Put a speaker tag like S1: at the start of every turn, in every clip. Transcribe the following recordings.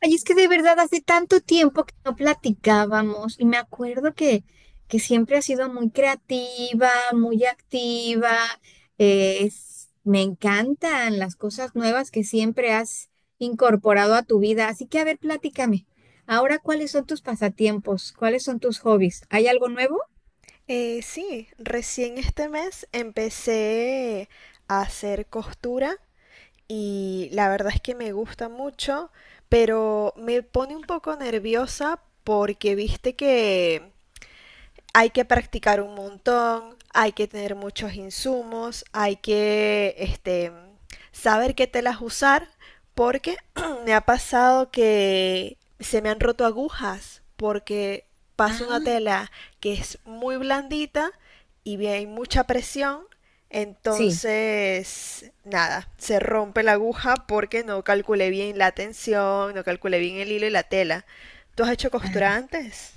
S1: Ay, es que de verdad hace tanto tiempo que no platicábamos y me acuerdo que siempre has sido muy creativa, muy activa. Me encantan las cosas nuevas que siempre has incorporado a tu vida. Así que, a ver, platícame. Ahora, ¿cuáles son tus pasatiempos? ¿Cuáles son tus hobbies? ¿Hay algo nuevo?
S2: Sí, recién este mes empecé a hacer costura y la verdad es que me gusta mucho, pero me pone un poco nerviosa porque viste que hay que practicar un montón, hay que tener muchos insumos, hay que saber qué telas usar, porque me ha pasado que se me han roto agujas, porque paso una
S1: Ah,
S2: tela que es muy blandita y bien, hay mucha presión,
S1: sí,
S2: entonces, nada, se rompe la aguja porque no calculé bien la tensión, no calculé bien el hilo y la tela. ¿Tú has hecho costura
S1: claro.
S2: antes?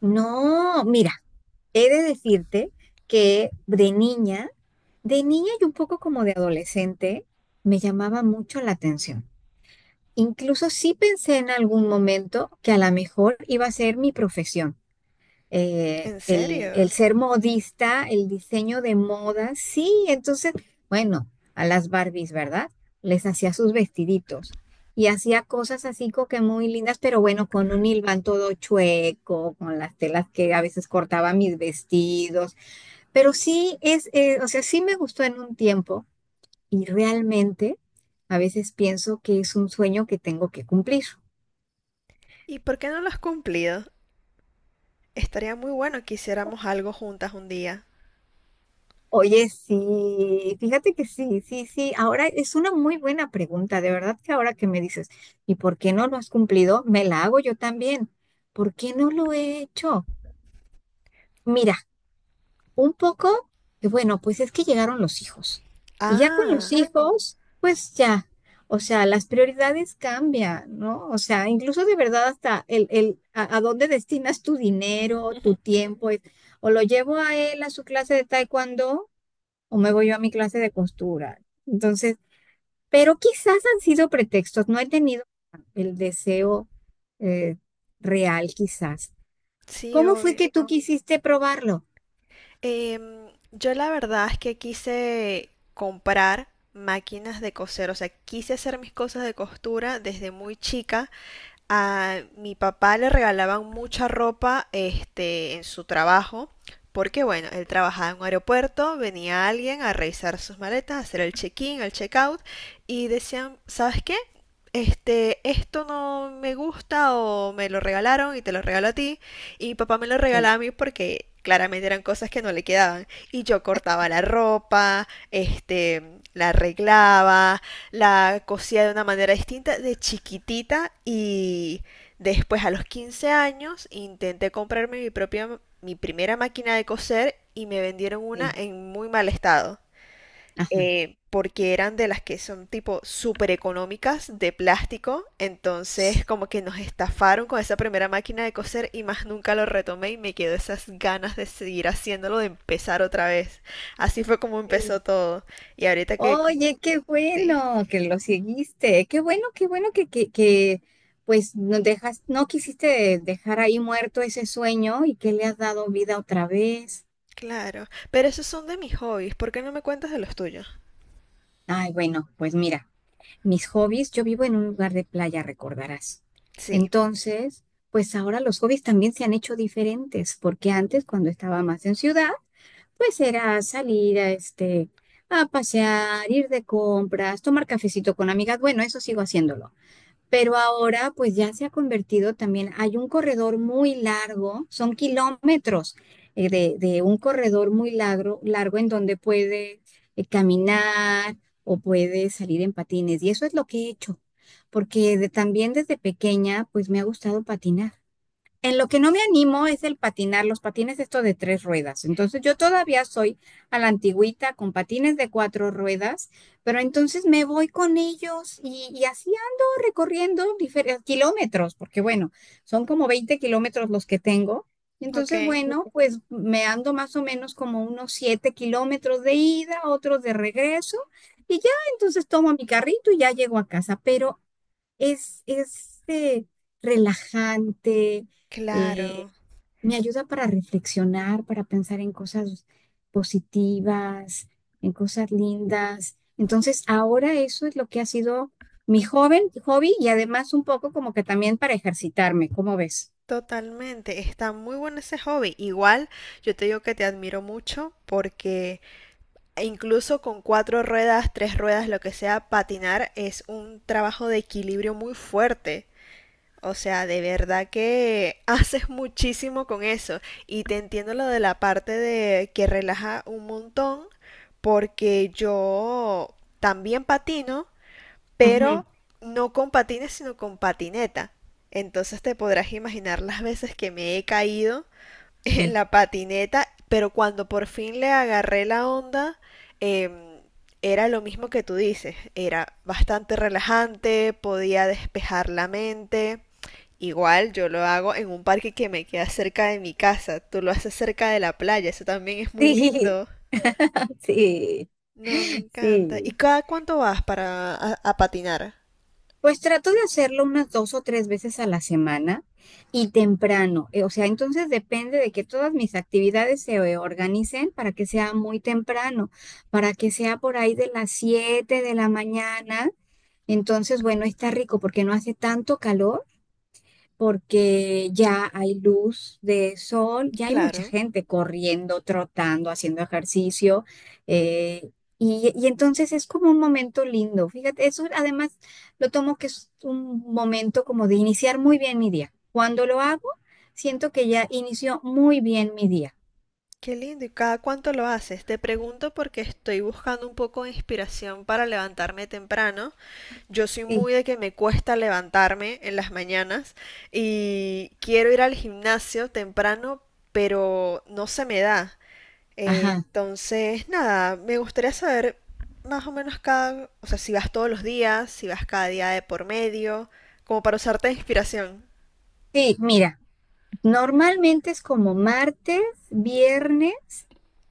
S1: No, mira. He de decirte que de niña y un poco como de adolescente, me llamaba mucho la atención. Incluso sí pensé en algún momento que a lo mejor iba a ser mi profesión. Eh,
S2: ¿En
S1: el, el
S2: serio?
S1: ser modista, el diseño de moda, sí. Entonces, bueno, a las Barbies, ¿verdad? Les hacía sus vestiditos y hacía cosas así como que muy lindas, pero bueno, con un hilván todo chueco, con las telas que a veces cortaba mis vestidos. Pero sí es, o sea, sí me gustó en un tiempo y realmente a veces pienso que es un sueño que tengo que cumplir.
S2: ¿Y por qué no lo has cumplido? Estaría muy bueno que hiciéramos algo juntas un día.
S1: Oye, sí, fíjate que sí, sí, sí. Ahora es una muy buena pregunta, de verdad que ahora que me dices, ¿y por qué no lo has cumplido? Me la hago yo también. ¿Por qué no lo he hecho? Mira. Un poco, que bueno, pues es que llegaron los hijos. Y ya con los
S2: Ah,
S1: hijos, pues ya, o sea, las prioridades cambian, ¿no? O sea, incluso de verdad hasta a dónde destinas tu dinero, tu tiempo, es, o lo llevo a él a su clase de taekwondo o me voy yo a mi clase de costura. Entonces, pero quizás han sido pretextos, no he tenido el deseo eh, real, quizás.
S2: sí,
S1: ¿Cómo fue que
S2: obvio.
S1: tú quisiste probarlo?
S2: Em, yo la verdad es que quise comprar máquinas de coser, o sea, quise hacer mis cosas de costura desde muy chica. A mi papá le regalaban mucha ropa, este, en su trabajo, porque bueno, él trabajaba en un aeropuerto, venía alguien a revisar sus maletas, a hacer el check-in, el check-out, y decían, ¿sabes qué? Este, esto no me gusta o me lo regalaron y te lo regalo a ti. Y mi papá me lo
S1: Sí,
S2: regalaba a mí porque claramente eran cosas que no le quedaban. Y yo cortaba la ropa, este, la arreglaba, la cosía de una manera distinta de chiquitita y después a los 15 años intenté comprarme mi propia, mi primera máquina de coser y me vendieron una
S1: sí.
S2: en muy mal estado,
S1: Ajá.
S2: porque eran de las que son tipo súper económicas de plástico, entonces como que nos estafaron con esa primera máquina de coser y más nunca lo retomé y me quedó esas ganas de seguir haciéndolo, de empezar otra vez. Así fue como empezó todo. Y ahorita que...
S1: Oye, qué
S2: Sí,
S1: bueno que lo seguiste. Qué bueno pues no dejas, no quisiste dejar ahí muerto ese sueño y que le has dado vida otra vez.
S2: claro. Pero esos son de mis hobbies, ¿por qué no me cuentas de los tuyos?
S1: Ay, bueno, pues mira, mis hobbies, yo vivo en un lugar de playa, recordarás.
S2: Sí,
S1: Entonces, pues ahora los hobbies también se han hecho diferentes, porque antes, cuando estaba más en ciudad, pues era salir a a pasear, ir de compras, tomar cafecito con amigas. Bueno, eso sigo haciéndolo. Pero ahora pues ya se ha convertido también, hay un corredor muy largo, son kilómetros de un corredor muy largo, largo en donde puede caminar o puede salir en patines. Y eso es lo que he hecho, porque también desde pequeña pues me ha gustado patinar. En lo que no me animo es el patinar, los patines esto de tres ruedas. Entonces yo todavía soy a la antigüita con patines de cuatro ruedas, pero entonces me voy con ellos y así ando recorriendo diferentes kilómetros, porque bueno, son como 20 kilómetros los que tengo.
S2: ok,
S1: Entonces, bueno, pues me ando más o menos como unos 7 kilómetros de ida, otros de regreso, y ya entonces tomo mi carrito y ya llego a casa. Pero es relajante, eh,
S2: claro.
S1: me ayuda para reflexionar, para pensar en cosas positivas, en cosas lindas. Entonces, ahora eso es lo que ha sido mi joven hobby y además un poco como que también para ejercitarme, ¿cómo ves?
S2: Totalmente, está muy bueno ese hobby. Igual, yo te digo que te admiro mucho porque e incluso con cuatro ruedas, tres ruedas, lo que sea, patinar es un trabajo de equilibrio muy fuerte. O sea, de verdad que haces muchísimo con eso. Y te entiendo lo de la parte de que relaja un montón, porque yo también patino,
S1: Ujú.
S2: pero no con patines, sino con patineta. Entonces te podrás imaginar las veces que me he caído en
S1: Sí,
S2: la patineta, pero cuando por fin le agarré la onda, em, era lo mismo que tú dices, era bastante relajante, podía despejar la mente. Igual yo lo hago en un parque que me queda cerca de mi casa, tú lo haces cerca de la playa, eso también es muy
S1: sí,
S2: lindo.
S1: sí,
S2: No, me encanta. ¿Y
S1: sí.
S2: cada cuánto vas para a patinar?
S1: Pues trato de hacerlo unas dos o tres veces a la semana y temprano. O sea, entonces depende de que todas mis actividades se organicen para que sea muy temprano, para que sea por ahí de las 7 de la mañana. Entonces, bueno, está rico porque no hace tanto calor porque ya hay luz de sol, ya hay mucha
S2: Claro.
S1: gente corriendo, trotando, haciendo ejercicio, eh, y entonces es como un momento lindo. Fíjate, eso además lo tomo que es un momento como de iniciar muy bien mi día. Cuando lo hago, siento que ya inició muy bien mi día.
S2: Qué lindo. ¿Y cada cuánto lo haces? Te pregunto porque estoy buscando un poco de inspiración para levantarme temprano. Yo soy
S1: Sí,
S2: muy de que me cuesta levantarme en las mañanas y quiero ir al gimnasio temprano, pero no se me da.
S1: ajá.
S2: Entonces, nada, me gustaría saber más o menos cada, o sea, si vas todos los días, si vas cada día de por medio, como para usarte de inspiración.
S1: Sí, mira. Normalmente es como martes, viernes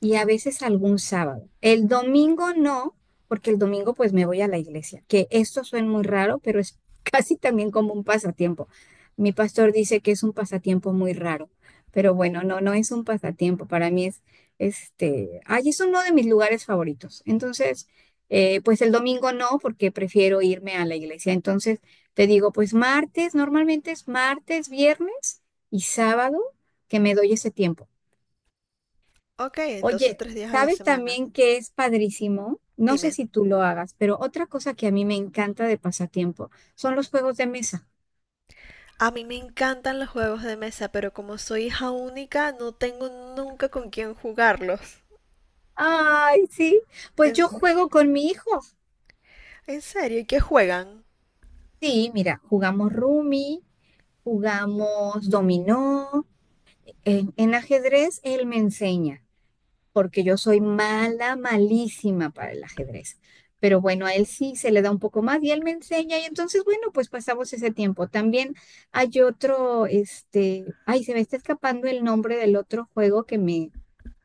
S1: y a veces algún sábado. El domingo no, porque el domingo pues me voy a la iglesia, que esto suena muy raro, pero es casi también como un pasatiempo. Mi pastor dice que es un pasatiempo muy raro, pero bueno, no, no es un pasatiempo. Para mí es, este, ay, es uno de mis lugares favoritos. Entonces, pues el domingo no, porque prefiero irme a la iglesia. Entonces, te digo, pues martes, normalmente es martes, viernes y sábado que me doy ese tiempo.
S2: Ok, entonces
S1: Oye,
S2: 3 días a la
S1: ¿sabes
S2: semana.
S1: también que es padrísimo? No sé
S2: Dime,
S1: si tú lo hagas, pero otra cosa que a mí me encanta de pasatiempo son los juegos de mesa.
S2: a mí me encantan los juegos de mesa, pero como soy hija única, no tengo nunca con quién jugarlos.
S1: Ay, sí, pues
S2: ¿En,
S1: yo juego con mi hijo.
S2: en serio? ¿Y qué juegan?
S1: Sí, mira, jugamos Rumi, jugamos dominó, en ajedrez él me enseña. Porque yo soy mala, malísima para el ajedrez. Pero bueno, a él sí se le da un poco más y él me enseña y entonces, bueno, pues pasamos ese tiempo. También hay otro, este, ay, se me está escapando el nombre del otro juego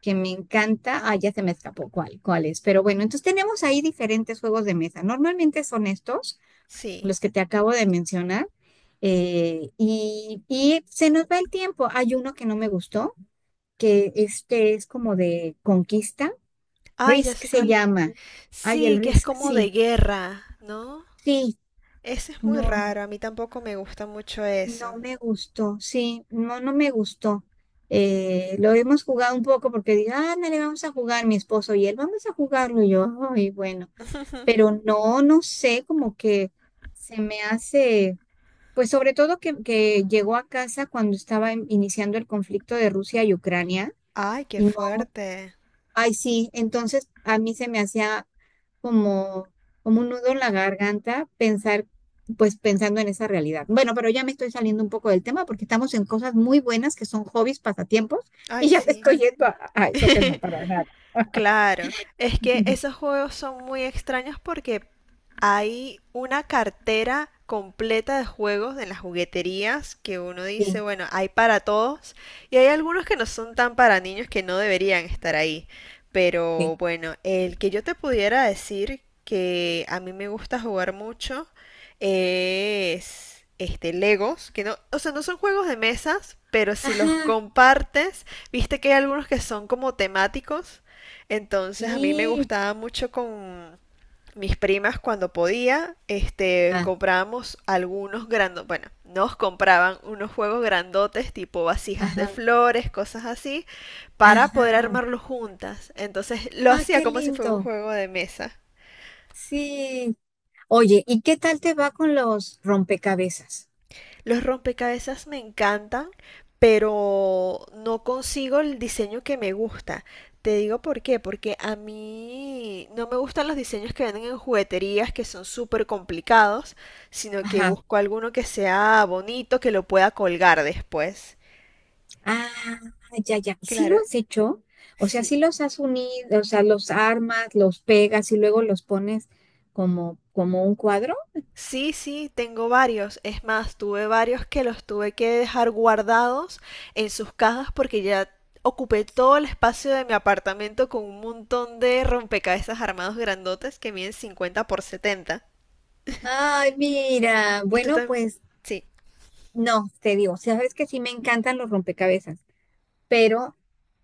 S1: que me encanta. Ah, ya se me escapó cuál es. Pero bueno, entonces tenemos ahí diferentes juegos de mesa. Normalmente son estos,
S2: Sí.
S1: los que te acabo de mencionar. Y se nos va el tiempo. Hay uno que no me gustó, que este es como de conquista.
S2: Ay, ya
S1: Risk
S2: sé
S1: se
S2: cuál es.
S1: llama. Ay,
S2: Sí,
S1: el
S2: que es
S1: Risk,
S2: como de
S1: sí,
S2: guerra, ¿no?
S1: sí,
S2: Ese es muy
S1: no,
S2: raro, a mí tampoco me gusta mucho
S1: no
S2: eso.
S1: me gustó, sí, no, no me gustó. Lo hemos jugado un poco porque dije, ándale, vamos a jugar mi esposo y él, vamos a jugarlo y yo, ay, bueno, pero no, no sé, como que se me hace, pues sobre todo que llegó a casa cuando estaba iniciando el conflicto de Rusia y Ucrania.
S2: Ay, qué
S1: Y
S2: fuerte.
S1: ay, sí, entonces a mí se me hacía como, como un nudo en la garganta pensar, pues pensando en esa realidad. Bueno, pero ya me estoy saliendo un poco del tema porque estamos en cosas muy buenas que son hobbies, pasatiempos,
S2: Ay,
S1: y ya me
S2: sí.
S1: estoy yendo a eso que no, para nada.
S2: Claro, es que esos juegos son muy extraños porque hay una cartera completa de juegos en las jugueterías que uno dice,
S1: Sí,
S2: bueno, hay para todos y hay algunos que no son tan para niños que no deberían estar ahí.
S1: sí.
S2: Pero bueno, el que yo te pudiera decir que a mí me gusta jugar mucho es este Legos, que no, o sea, no son juegos de mesas, pero si los
S1: Ajá,
S2: compartes, viste que hay algunos que son como temáticos. Entonces a mí me
S1: y,
S2: gustaba mucho con mis primas cuando podía, este,
S1: ah,
S2: comprábamos algunos grandotes, bueno, nos compraban unos juegos grandotes tipo vasijas de
S1: ajá,
S2: flores, cosas así, para poder
S1: ajá.
S2: armarlos juntas. Entonces lo
S1: Ah,
S2: hacía
S1: qué
S2: como si fuera un
S1: lindo.
S2: juego de mesa.
S1: Sí. Oye, ¿y qué tal te va con los rompecabezas?
S2: Los rompecabezas me encantan, pero no consigo el diseño que me gusta. Te digo por qué, porque a mí no me gustan los diseños que venden en jugueterías que son súper complicados, sino que
S1: Ajá.
S2: busco alguno que sea bonito, que lo pueda colgar después.
S1: Ah, ya, ya. ¿Y si lo
S2: Claro,
S1: has hecho? O sea, ¿si
S2: sí.
S1: los has unido? O sea, los armas, los pegas y luego los pones como, como un cuadro.
S2: Sí, sí, tengo varios. Es más, tuve varios que los tuve que dejar guardados en sus cajas porque ya ocupé todo el espacio de mi apartamento con un montón de rompecabezas armados grandotes que miden 50 por 70.
S1: Ay, mira.
S2: Y tú
S1: Bueno,
S2: también...
S1: pues
S2: Sí,
S1: no, te digo, sabes que sí me encantan los rompecabezas, pero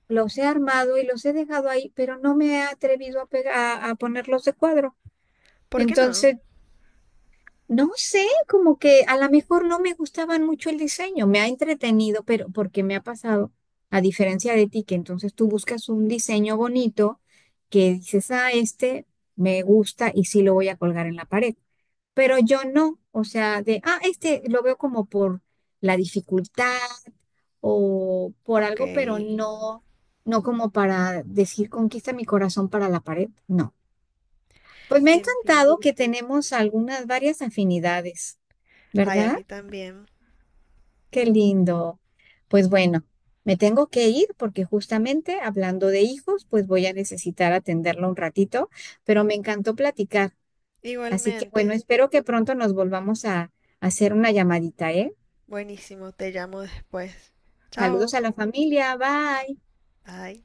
S1: los he armado y los he dejado ahí, pero no me he atrevido a pegar, a ponerlos de cuadro.
S2: ¿por qué no?
S1: Entonces no sé, como que a lo mejor no me gustaban mucho el diseño, me ha entretenido, pero porque me ha pasado, a diferencia de ti, que entonces tú buscas un diseño bonito que dices, ah, este me gusta y sí lo voy a colgar en la pared, pero yo no, o sea, de, este lo veo como por la dificultad o por
S2: Ok,
S1: algo, pero no, no como para decir conquista mi corazón para la pared, no. Pues me ha
S2: entiendo.
S1: encantado que tenemos algunas varias afinidades.
S2: Ay, a
S1: ¿Verdad?
S2: mí también.
S1: Qué lindo. Pues bueno, me tengo que ir porque justamente hablando de hijos, pues voy a necesitar atenderlo un ratito, pero me encantó platicar. Así que bueno,
S2: Igualmente.
S1: espero que pronto nos volvamos a hacer una llamadita, ¿eh?
S2: Buenísimo, te llamo después. Chao.
S1: Saludos a la familia, bye.
S2: Bye.